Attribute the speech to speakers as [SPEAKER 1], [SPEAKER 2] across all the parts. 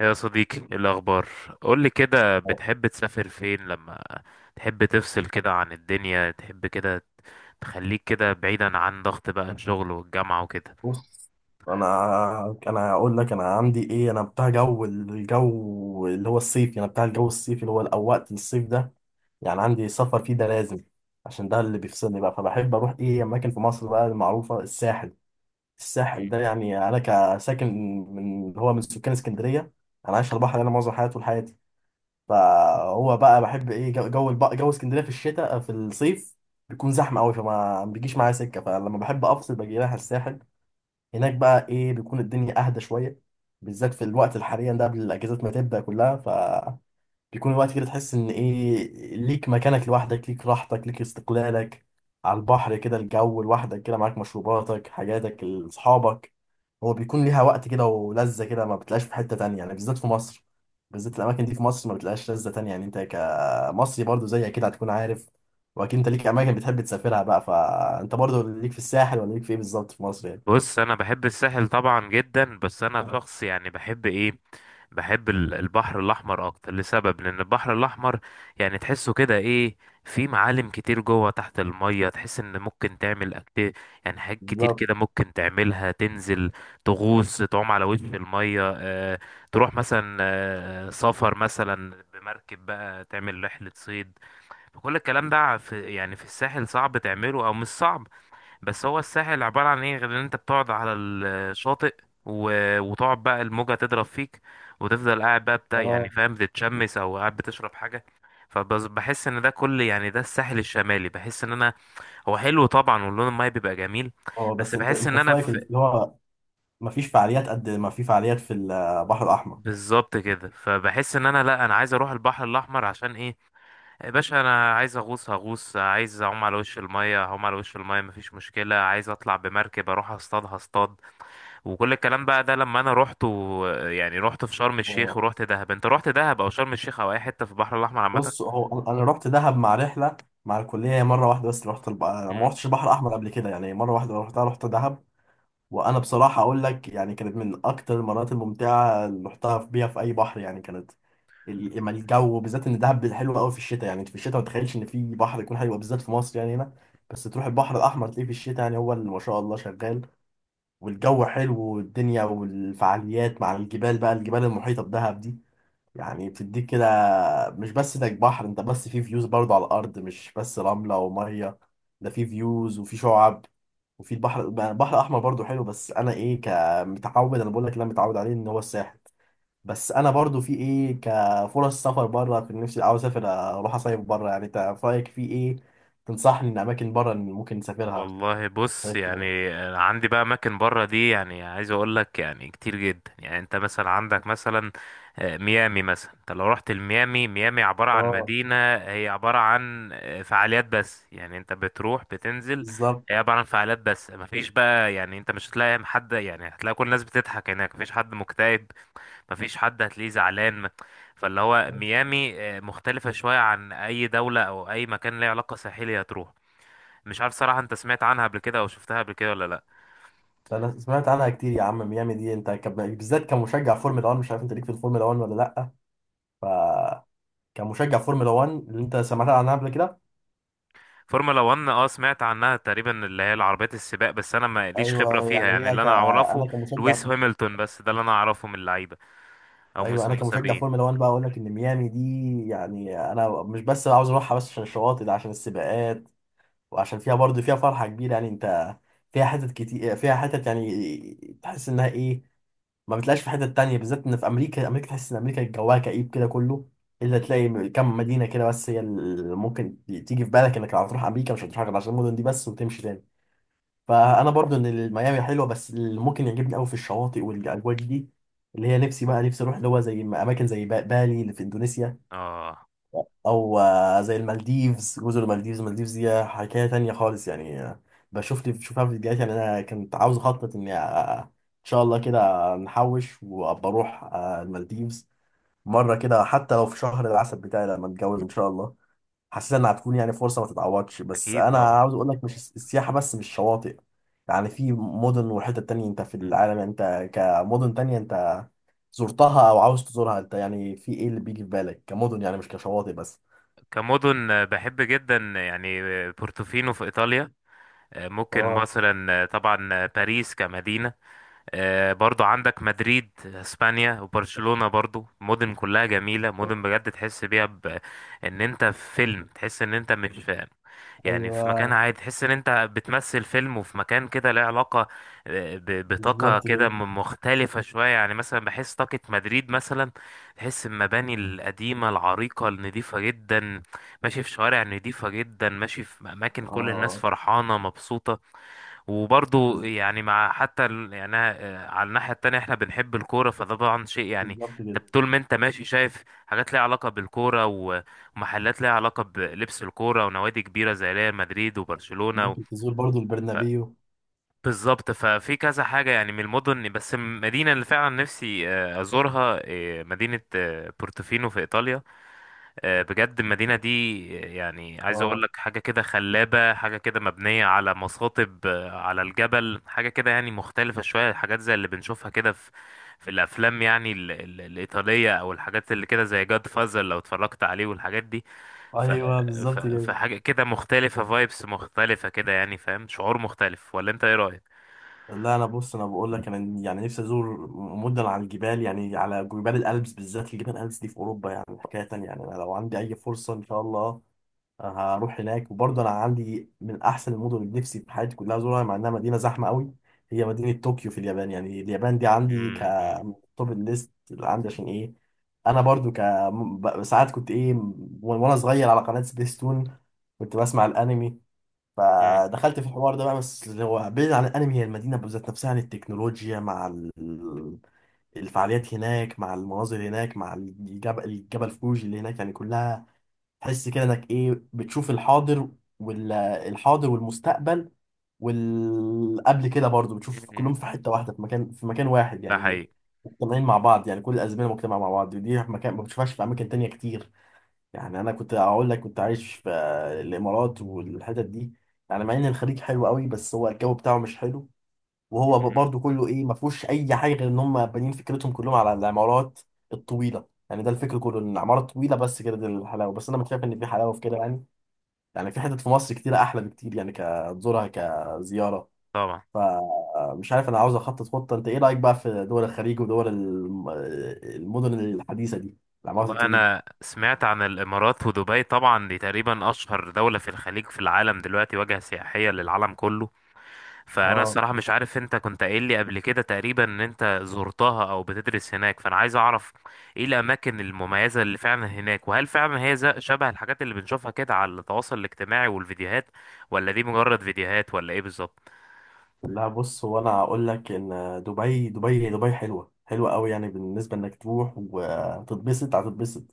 [SPEAKER 1] يا صديقي، إيه الأخبار؟ قولي كده، بتحب تسافر فين لما تحب تفصل كده عن الدنيا، تحب كده تخليك كده بعيدا عن ضغط بقى الشغل والجامعة وكده؟
[SPEAKER 2] بص. انا هقول لك انا عندي ايه، انا بتاع جو الجو اللي هو الصيفي، انا بتاع الجو الصيفي اللي هو او وقت الصيف ده. يعني عندي سفر فيه ده لازم عشان ده اللي بيفصلني بقى. فبحب اروح ايه اماكن في مصر بقى المعروفه الساحل. الساحل
[SPEAKER 1] مم.
[SPEAKER 2] ده يعني انا كساكن من اللي هو من سكان اسكندريه، انا عايش على البحر انا معظم حياتي طول حياتي. فهو بقى بحب ايه جو اسكندريه في الشتاء في الصيف بيكون زحمه قوي فما بيجيش معايا سكه. فلما بحب افصل باجي رايح الساحل. هناك بقى ايه بيكون الدنيا اهدى شويه بالذات في الوقت الحالي ده قبل الاجازات ما تبدا كلها. ف بيكون الوقت كده تحس ان ايه ليك مكانك لوحدك ليك راحتك ليك استقلالك على البحر كده، الجو لوحدك كده معاك مشروباتك حاجاتك اصحابك. هو بيكون ليها وقت كده ولذة كده ما بتلاقيش في حتة تانية، يعني بالذات في مصر. بالذات الأماكن دي في مصر ما بتلاقيش لذة تانية. يعني أنت كمصري برضو زي كده هتكون عارف، وأكيد أنت ليك أماكن بتحب تسافرها بقى. فأنت برضو ليك في الساحل ولا ليك في إيه بالظبط في مصر؟
[SPEAKER 1] بص، انا بحب الساحل طبعا جدا، بس انا شخص يعني بحب ايه. بحب البحر الاحمر اكتر، لسبب لان البحر الاحمر يعني تحسه كده ايه، في معالم كتير جوه تحت المية، تحس ان ممكن تعمل يعني حاجات كتير
[SPEAKER 2] يعني.
[SPEAKER 1] كده ممكن تعملها. تنزل تغوص، تعوم على وش المية، تروح مثلا سفر مثلا بمركب بقى، تعمل رحلة صيد. فكل الكلام ده في يعني في الساحل صعب تعمله، او مش صعب، بس هو الساحل عبارة عن ايه غير ان انت بتقعد على الشاطئ و... وتقعد بقى الموجة تضرب فيك، وتفضل قاعد بقى بتاع، يعني
[SPEAKER 2] اه.
[SPEAKER 1] فاهم، بتتشمس او قاعد بتشرب حاجة. فبس بحس ان ده كل يعني ده الساحل الشمالي، بحس ان انا، هو حلو طبعا واللون الماي بيبقى جميل،
[SPEAKER 2] اه،
[SPEAKER 1] بس
[SPEAKER 2] بس انت
[SPEAKER 1] بحس
[SPEAKER 2] انت
[SPEAKER 1] ان
[SPEAKER 2] في
[SPEAKER 1] انا
[SPEAKER 2] رايك
[SPEAKER 1] في،
[SPEAKER 2] اللي هو مفيش فعاليات قد ما في فعاليات في البحر الاحمر.
[SPEAKER 1] بالظبط كده. فبحس ان انا، لا، انا عايز اروح البحر الاحمر، عشان ايه؟ يا باشا انا عايز اغوص هغوص، عايز اعوم على وش المية هعوم على وش المية، مفيش مشكلة، عايز اطلع بمركب اروح اصطاد هصطاد. وكل الكلام بقى ده، لما انا رحت يعني رحت في شرم الشيخ
[SPEAKER 2] اه،
[SPEAKER 1] ورحت دهب، انت رحت دهب او شرم الشيخ او اي حته في البحر الاحمر عامه؟
[SPEAKER 2] بص هو انا، أنا رحت دهب مع رحله مع الكليه مره واحده. بس رحت الب-، ما
[SPEAKER 1] مم.
[SPEAKER 2] رحتش البحر الاحمر قبل كده، يعني مره واحده رحتها رحت دهب. وانا بصراحه اقول لك يعني كانت من اكتر المرات الممتعه اللي رحتها في- بيها في اي بحر. يعني كانت ال- اما الجو بالذات ان دهب حلو قوي في الشتاء. يعني انت في الشتاء ما تتخيلش ان في بحر يكون حلو بالذات في مصر يعني هنا. بس تروح البحر الاحمر تلاقيه في الشتاء يعني هو اللي ما شاء الله شغال، والجو حلو والدنيا والفعاليات مع الجبال بقى الجبال المحيطة بدهب دي. يعني بتديك كده مش بس انك بحر، انت بس في فيوز برضو على الأرض مش بس رملة ومية، ده في فيوز وفي شعاب. وفي البحر الأحمر برضو حلو، بس أنا إيه كمتعود، أنا بقول لك اللي أنا متعود عليه إن هو الساحل. بس أنا برضو في إيه كفرص سفر بره في نفسي عاوز أسافر أروح أصيف بره. يعني أنت في رأيك في إيه تنصحني إن أماكن بره إن ممكن نسافرها؟
[SPEAKER 1] والله بص،
[SPEAKER 2] طيب.
[SPEAKER 1] يعني أنا عندي بقى اماكن بره دي يعني، عايز اقول لك يعني كتير جدا. يعني انت مثلا عندك مثلا ميامي مثلا. انت لو رحت لميامي، ميامي عباره عن
[SPEAKER 2] آه،
[SPEAKER 1] مدينه، هي عباره عن فعاليات بس، يعني انت بتروح بتنزل.
[SPEAKER 2] بالظبط.
[SPEAKER 1] هي عباره عن فعاليات بس، مفيش بقى يعني، انت مش هتلاقي حد، يعني هتلاقي كل الناس بتضحك هناك، مفيش حد مكتئب، مفيش حد هتلاقيه زعلان. فاللي هو ميامي مختلفة شوية عن أي دولة أو أي مكان ليه علاقة ساحلية هتروح. مش عارف صراحة، أنت سمعت عنها قبل كده أو شفتها قبل كده ولا لأ؟
[SPEAKER 2] انا سمعت عنها كتير يا عم. ميامي دي انت كب-، بالذات كمشجع فورمولا 1 مش عارف انت ليك في الفورمولا 1 ولا لا؟ ف كمشجع فورمولا 1 اللي انت سمعت عنها قبل كده.
[SPEAKER 1] فورمولا 1، سمعت عنها تقريبا، اللي هي العربيات السباق، بس أنا ما ليش خبرة
[SPEAKER 2] ايوه،
[SPEAKER 1] فيها.
[SPEAKER 2] يعني
[SPEAKER 1] يعني
[SPEAKER 2] هي
[SPEAKER 1] اللي
[SPEAKER 2] ك-،
[SPEAKER 1] أنا أعرفه
[SPEAKER 2] انا كمشجع.
[SPEAKER 1] لويس هامilton، بس ده اللي أنا أعرفه من اللعيبة أو من
[SPEAKER 2] ايوه، انا كمشجع
[SPEAKER 1] المسابقين.
[SPEAKER 2] فورمولا 1 بقى اقول لك ان ميامي دي يعني انا مش بس عاوز اروحها بس عشان الشواطئ، ده عشان السباقات وعشان فيها برضه فيها فرحه كبيره. يعني انت فيها حتت كتير، فيها حتت يعني تحس انها ايه ما بتلاقيش في حتة تانية بالذات ان في امريكا. امريكا تحس ان امريكا جواها كئيب كده كله، الا تلاقي م- كم مدينة كده بس هي اللي ممكن تيجي في بالك انك لو هتروح امريكا مش هتروح غير عشان المدن دي بس وتمشي تاني. فانا برضو ان ميامي حلوة، بس اللي ممكن يعجبني قوي في الشواطئ والاجواء دي اللي هي نفسي بقى، نفسي اروح اللي هو زي اماكن زي با-، بالي اللي في اندونيسيا،
[SPEAKER 1] أه،
[SPEAKER 2] او زي المالديفز، جزر المالديفز. المالديفز دي حكايه تانية خالص. يعني بشوف لي بشوفها في فيديوهات. يعني انا كنت عاوز اخطط اني ان شاء الله كده نحوش وابقى اروح المالديفز مره كده حتى لو في شهر العسل بتاعي لما اتجوز ان شاء الله. حسيت انها هتكون يعني فرصه ما تتعوضش. بس
[SPEAKER 1] أكيد
[SPEAKER 2] انا
[SPEAKER 1] طبعا.
[SPEAKER 2] عاوز اقول لك مش الس- السياحه بس مش شواطئ. يعني في مدن وحتت تانية انت في
[SPEAKER 1] مم.
[SPEAKER 2] العالم انت كمدن تانية انت زرتها او عاوز تزورها، انت يعني في ايه اللي بيجي في بالك كمدن يعني مش كشواطئ بس؟
[SPEAKER 1] كمدن بحب جدا، يعني بورتوفينو في إيطاليا، ممكن
[SPEAKER 2] اه.
[SPEAKER 1] مثلا، طبعا باريس كمدينة. برضو عندك مدريد اسبانيا وبرشلونة، برضو مدن كلها جميلة،
[SPEAKER 2] آه.
[SPEAKER 1] مدن بجد تحس بيها ان انت في فيلم، تحس ان انت مش يعني في
[SPEAKER 2] ايوه
[SPEAKER 1] مكان عادي، تحس ان انت بتمثل فيلم، وفي مكان كده له علاقة، بطاقة
[SPEAKER 2] بالظبط كده.
[SPEAKER 1] كده مختلفة شوية. يعني مثلا بحس طاقة مدريد مثلا، تحس المباني القديمة العريقة النظيفة جدا، ماشي في شوارع نظيفة جدا، ماشي في اماكن كل الناس
[SPEAKER 2] اه.
[SPEAKER 1] فرحانة مبسوطة. وبرضو
[SPEAKER 2] بز-،
[SPEAKER 1] يعني مع حتى يعني أنا، على الناحية التانية احنا بنحب الكورة، فده طبعا شيء يعني
[SPEAKER 2] بالظبط كده.
[SPEAKER 1] انت طول ما انت ماشي شايف حاجات ليها علاقة بالكورة ومحلات ليها علاقة بلبس الكورة، ونوادي كبيرة زي ريال مدريد وبرشلونة
[SPEAKER 2] ممكن تزور برضو البرنابيو.
[SPEAKER 1] بالظبط. ففي كذا حاجة يعني من المدن، بس المدينة اللي فعلا نفسي أزورها مدينة بورتوفينو في إيطاليا. بجد المدينة دي، يعني عايز اقول
[SPEAKER 2] اه.
[SPEAKER 1] لك، حاجة كده خلابة، حاجة كده مبنية على مصاطب على الجبل، حاجة كده يعني مختلفة شوية، حاجات زي اللي بنشوفها كده في في الافلام، يعني ال ال الإيطالية، او الحاجات اللي كده زي جاد فازر لو اتفرجت عليه والحاجات دي. ف
[SPEAKER 2] ايوه
[SPEAKER 1] ف
[SPEAKER 2] بالظبط كده.
[SPEAKER 1] فحاجة كده مختلفة، فايبس مختلفة كده، يعني فاهم؟ شعور مختلف، ولا انت ايه رأيك؟
[SPEAKER 2] لا، انا بص، انا بقول لك انا يعني نفسي ازور مدن على الجبال، يعني على جبال الألبس بالذات. الجبال الألبس دي في اوروبا يعني حكايه تانية. يعني انا لو عندي اي فرصه ان شاء الله هروح هناك. وبرضه انا عندي من احسن المدن اللي نفسي في حياتي كلها ازورها مع انها مدينه زحمه قوي، هي مدينه طوكيو في اليابان. يعني اليابان دي عندي ك
[SPEAKER 1] امم،
[SPEAKER 2] توب الليست اللي عندي، عشان ايه؟ انا برضو ك م- ب- ساعات كنت ايه م- وانا صغير على قناه سبيستون كنت بسمع الانمي،
[SPEAKER 1] امم،
[SPEAKER 2] فدخلت في الحوار ده بقى. بس اللي هو بعيد عن الانمي هي المدينه بذات نفسها، عن التكنولوجيا مع ال- الفعاليات هناك مع المناظر هناك مع الجبل الجبل فوجي اللي هناك. يعني كلها تحس كده انك ايه بتشوف الحاضر والحاضر والمستقبل والقبل كده برضو بتشوف كلهم
[SPEAKER 1] امم.
[SPEAKER 2] في حتة واحدة في مكان واحد
[SPEAKER 1] ده
[SPEAKER 2] يعني
[SPEAKER 1] حقيقي.
[SPEAKER 2] مجتمعين مع بعض، يعني كل الأزمنة مجتمعة مع بعض، ودي في مكان ما بتشوفهاش في أماكن تانية كتير. يعني أنا كنت أقول لك كنت عايش في الإمارات والحتت دي. يعني مع إن الخليج حلو قوي، بس هو الجو بتاعه مش حلو. وهو
[SPEAKER 1] مم.
[SPEAKER 2] برضه كله ايه ما فيهوش اي حاجه غير ان هم بانيين فكرتهم كلهم على العمارات الطويله. يعني ده الفكر كله ان العماره طويله بس كده دي الحلاوه، بس انا مش شايف ان في حلاوه في كده. يعني يعني في حتت في مصر كتيره احلى بكتير يعني كزورها كزياره.
[SPEAKER 1] طبعا.
[SPEAKER 2] فمش عارف، انا عاوز اخطط خطه. انت ايه رايك بقى في دول الخليج ودول الم- المدن الحديثه دي، العمارات
[SPEAKER 1] والله
[SPEAKER 2] الطويله؟
[SPEAKER 1] انا سمعت عن الامارات ودبي طبعا، دي تقريبا اشهر دولة في الخليج في العالم دلوقتي، وجهة سياحية للعالم كله. فانا
[SPEAKER 2] اه.
[SPEAKER 1] الصراحة مش عارف، انت كنت قايل لي قبل كده تقريبا ان انت زرتها او بتدرس هناك، فانا عايز اعرف ايه الاماكن المميزة اللي فعلا هناك، وهل فعلا هي شبه الحاجات اللي بنشوفها كده على التواصل الاجتماعي والفيديوهات، ولا دي مجرد فيديوهات، ولا ايه بالظبط؟
[SPEAKER 2] لا، بص هو انا هقول لك ان دبي، دبي دبي حلوه، حلوه قوي. يعني بالنسبه انك تروح وتتبسط هتتبسط،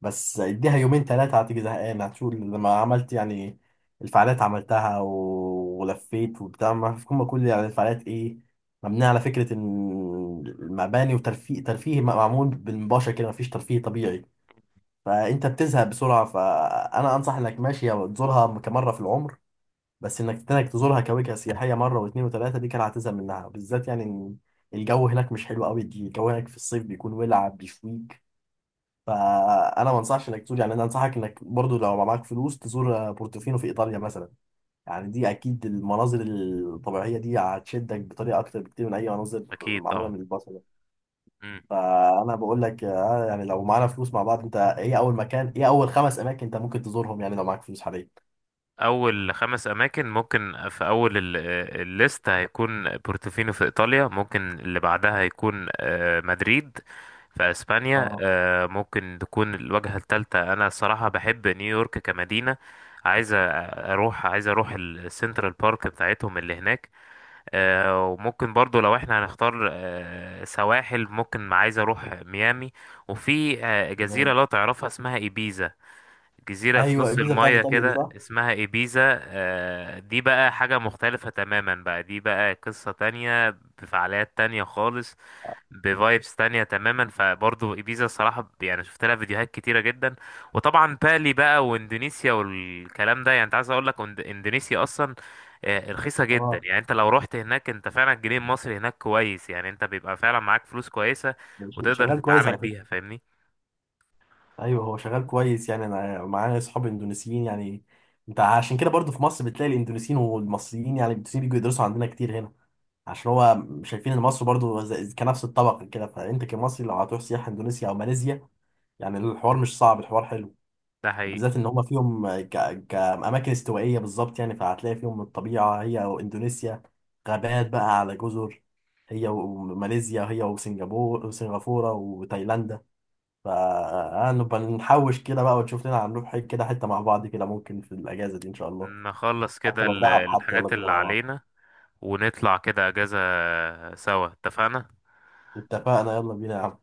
[SPEAKER 2] بس اديها يومين ثلاثة هتيجي زهقانة. هتشوف لما عملت يعني الفعاليات عملتها و- ولفيت وبتاع، ما في كم كل يعني الفعاليات ايه مبنية على فكرة ان المباني وترفيه، ترفيه معمول بالمباشر كده مفيش ترفيه طبيعي. فانت بتزهق بسرعة. فانا انصح انك ماشي أو تزورها كمرة في العمر، بس انك تزورها كوجهة سياحية مرة واثنين وثلاثة دي كده هتزهق منها. بالذات يعني إن الجو هناك مش حلو قوي، الجو هناك في الصيف بيكون ولع بيشويك. فانا ما انصحش انك تزور، يعني انا انصحك انك برضو لو معاك فلوس تزور بورتوفينو في ايطاليا مثلا. يعني دي اكيد المناظر الطبيعيه دي هتشدك بطريقه اكتر بكتير من اي مناظر
[SPEAKER 1] اكيد
[SPEAKER 2] معموله
[SPEAKER 1] طبعا.
[SPEAKER 2] من البصر ده. فانا بقول لك يعني لو معانا فلوس مع بعض انت ايه اول مكان، ايه اول 5 اماكن انت ممكن تزورهم يعني لو معاك فلوس حاليا؟
[SPEAKER 1] اول خمس اماكن، ممكن في اول الليست هيكون بورتوفينو في ايطاليا، ممكن اللي بعدها هيكون مدريد في اسبانيا.
[SPEAKER 2] اه.
[SPEAKER 1] ممكن تكون الوجهة الثالثة، انا الصراحة بحب نيويورك كمدينة. عايز اروح، عايز اروح السنترال بارك بتاعتهم اللي هناك. وممكن برضو لو احنا هنختار سواحل، ممكن عايز اروح ميامي، وفي جزيرة
[SPEAKER 2] تمام.
[SPEAKER 1] لو تعرفها اسمها ايبيزا، جزيرة في
[SPEAKER 2] ايوه
[SPEAKER 1] نص
[SPEAKER 2] الجيزه بتاعت
[SPEAKER 1] المية
[SPEAKER 2] ايطاليا دي
[SPEAKER 1] كده
[SPEAKER 2] صح؟
[SPEAKER 1] اسمها إيبيزا. دي بقى حاجة مختلفة تماما بقى، دي بقى قصة تانية بفعاليات تانية خالص، بفايبس تانية تماما. فبرضه إيبيزا الصراحة يعني شفت لها فيديوهات كتيرة جدا، وطبعا بالي بقى وإندونيسيا والكلام ده. يعني أنت عايز أقول لك، إندونيسيا أصلا رخيصة جدا،
[SPEAKER 2] اه.
[SPEAKER 1] يعني أنت لو رحت هناك أنت فعلا الجنيه المصري هناك كويس، يعني أنت بيبقى فعلا معاك فلوس كويسة
[SPEAKER 2] ش-
[SPEAKER 1] وتقدر
[SPEAKER 2] شغال كويس
[SPEAKER 1] تتعامل
[SPEAKER 2] على
[SPEAKER 1] بيها،
[SPEAKER 2] فكره.
[SPEAKER 1] فاهمني؟
[SPEAKER 2] ايوه هو شغال كويس. يعني انا معايا اصحاب اندونيسيين. يعني انت عشان كده برضو في مصر بتلاقي الإندونيسيين والمصريين، يعني الإندونيسيين بيجوا يدرسوا عندنا كتير هنا عشان هو شايفين ان مصر برضو زي- كنفس الطبق كده. فانت كمصري لو هتروح سياحة اندونيسيا او ماليزيا يعني الحوار مش صعب، الحوار حلو.
[SPEAKER 1] ده حقيقي.
[SPEAKER 2] وبالذات ان هما فيهم ك... كأماكن استوائية بالظبط. يعني فهتلاقي فيهم الطبيعة، هي واندونيسيا غابات بقى على جزر، هي وماليزيا هي وسنغافورة وتايلاند. فنبقى نحوش كده بقى ونشوف لنا هنروح حي- كده حتة مع بعض كده ممكن في الأجازة دي إن شاء الله.
[SPEAKER 1] نخلص
[SPEAKER 2] حتى
[SPEAKER 1] كده
[SPEAKER 2] لو دهب حتى يلا
[SPEAKER 1] الحاجات
[SPEAKER 2] بينا
[SPEAKER 1] اللي
[SPEAKER 2] مع بعض.
[SPEAKER 1] علينا، ونطلع كده اجازة سوا، اتفقنا.
[SPEAKER 2] اتفقنا يلا بينا يا عم.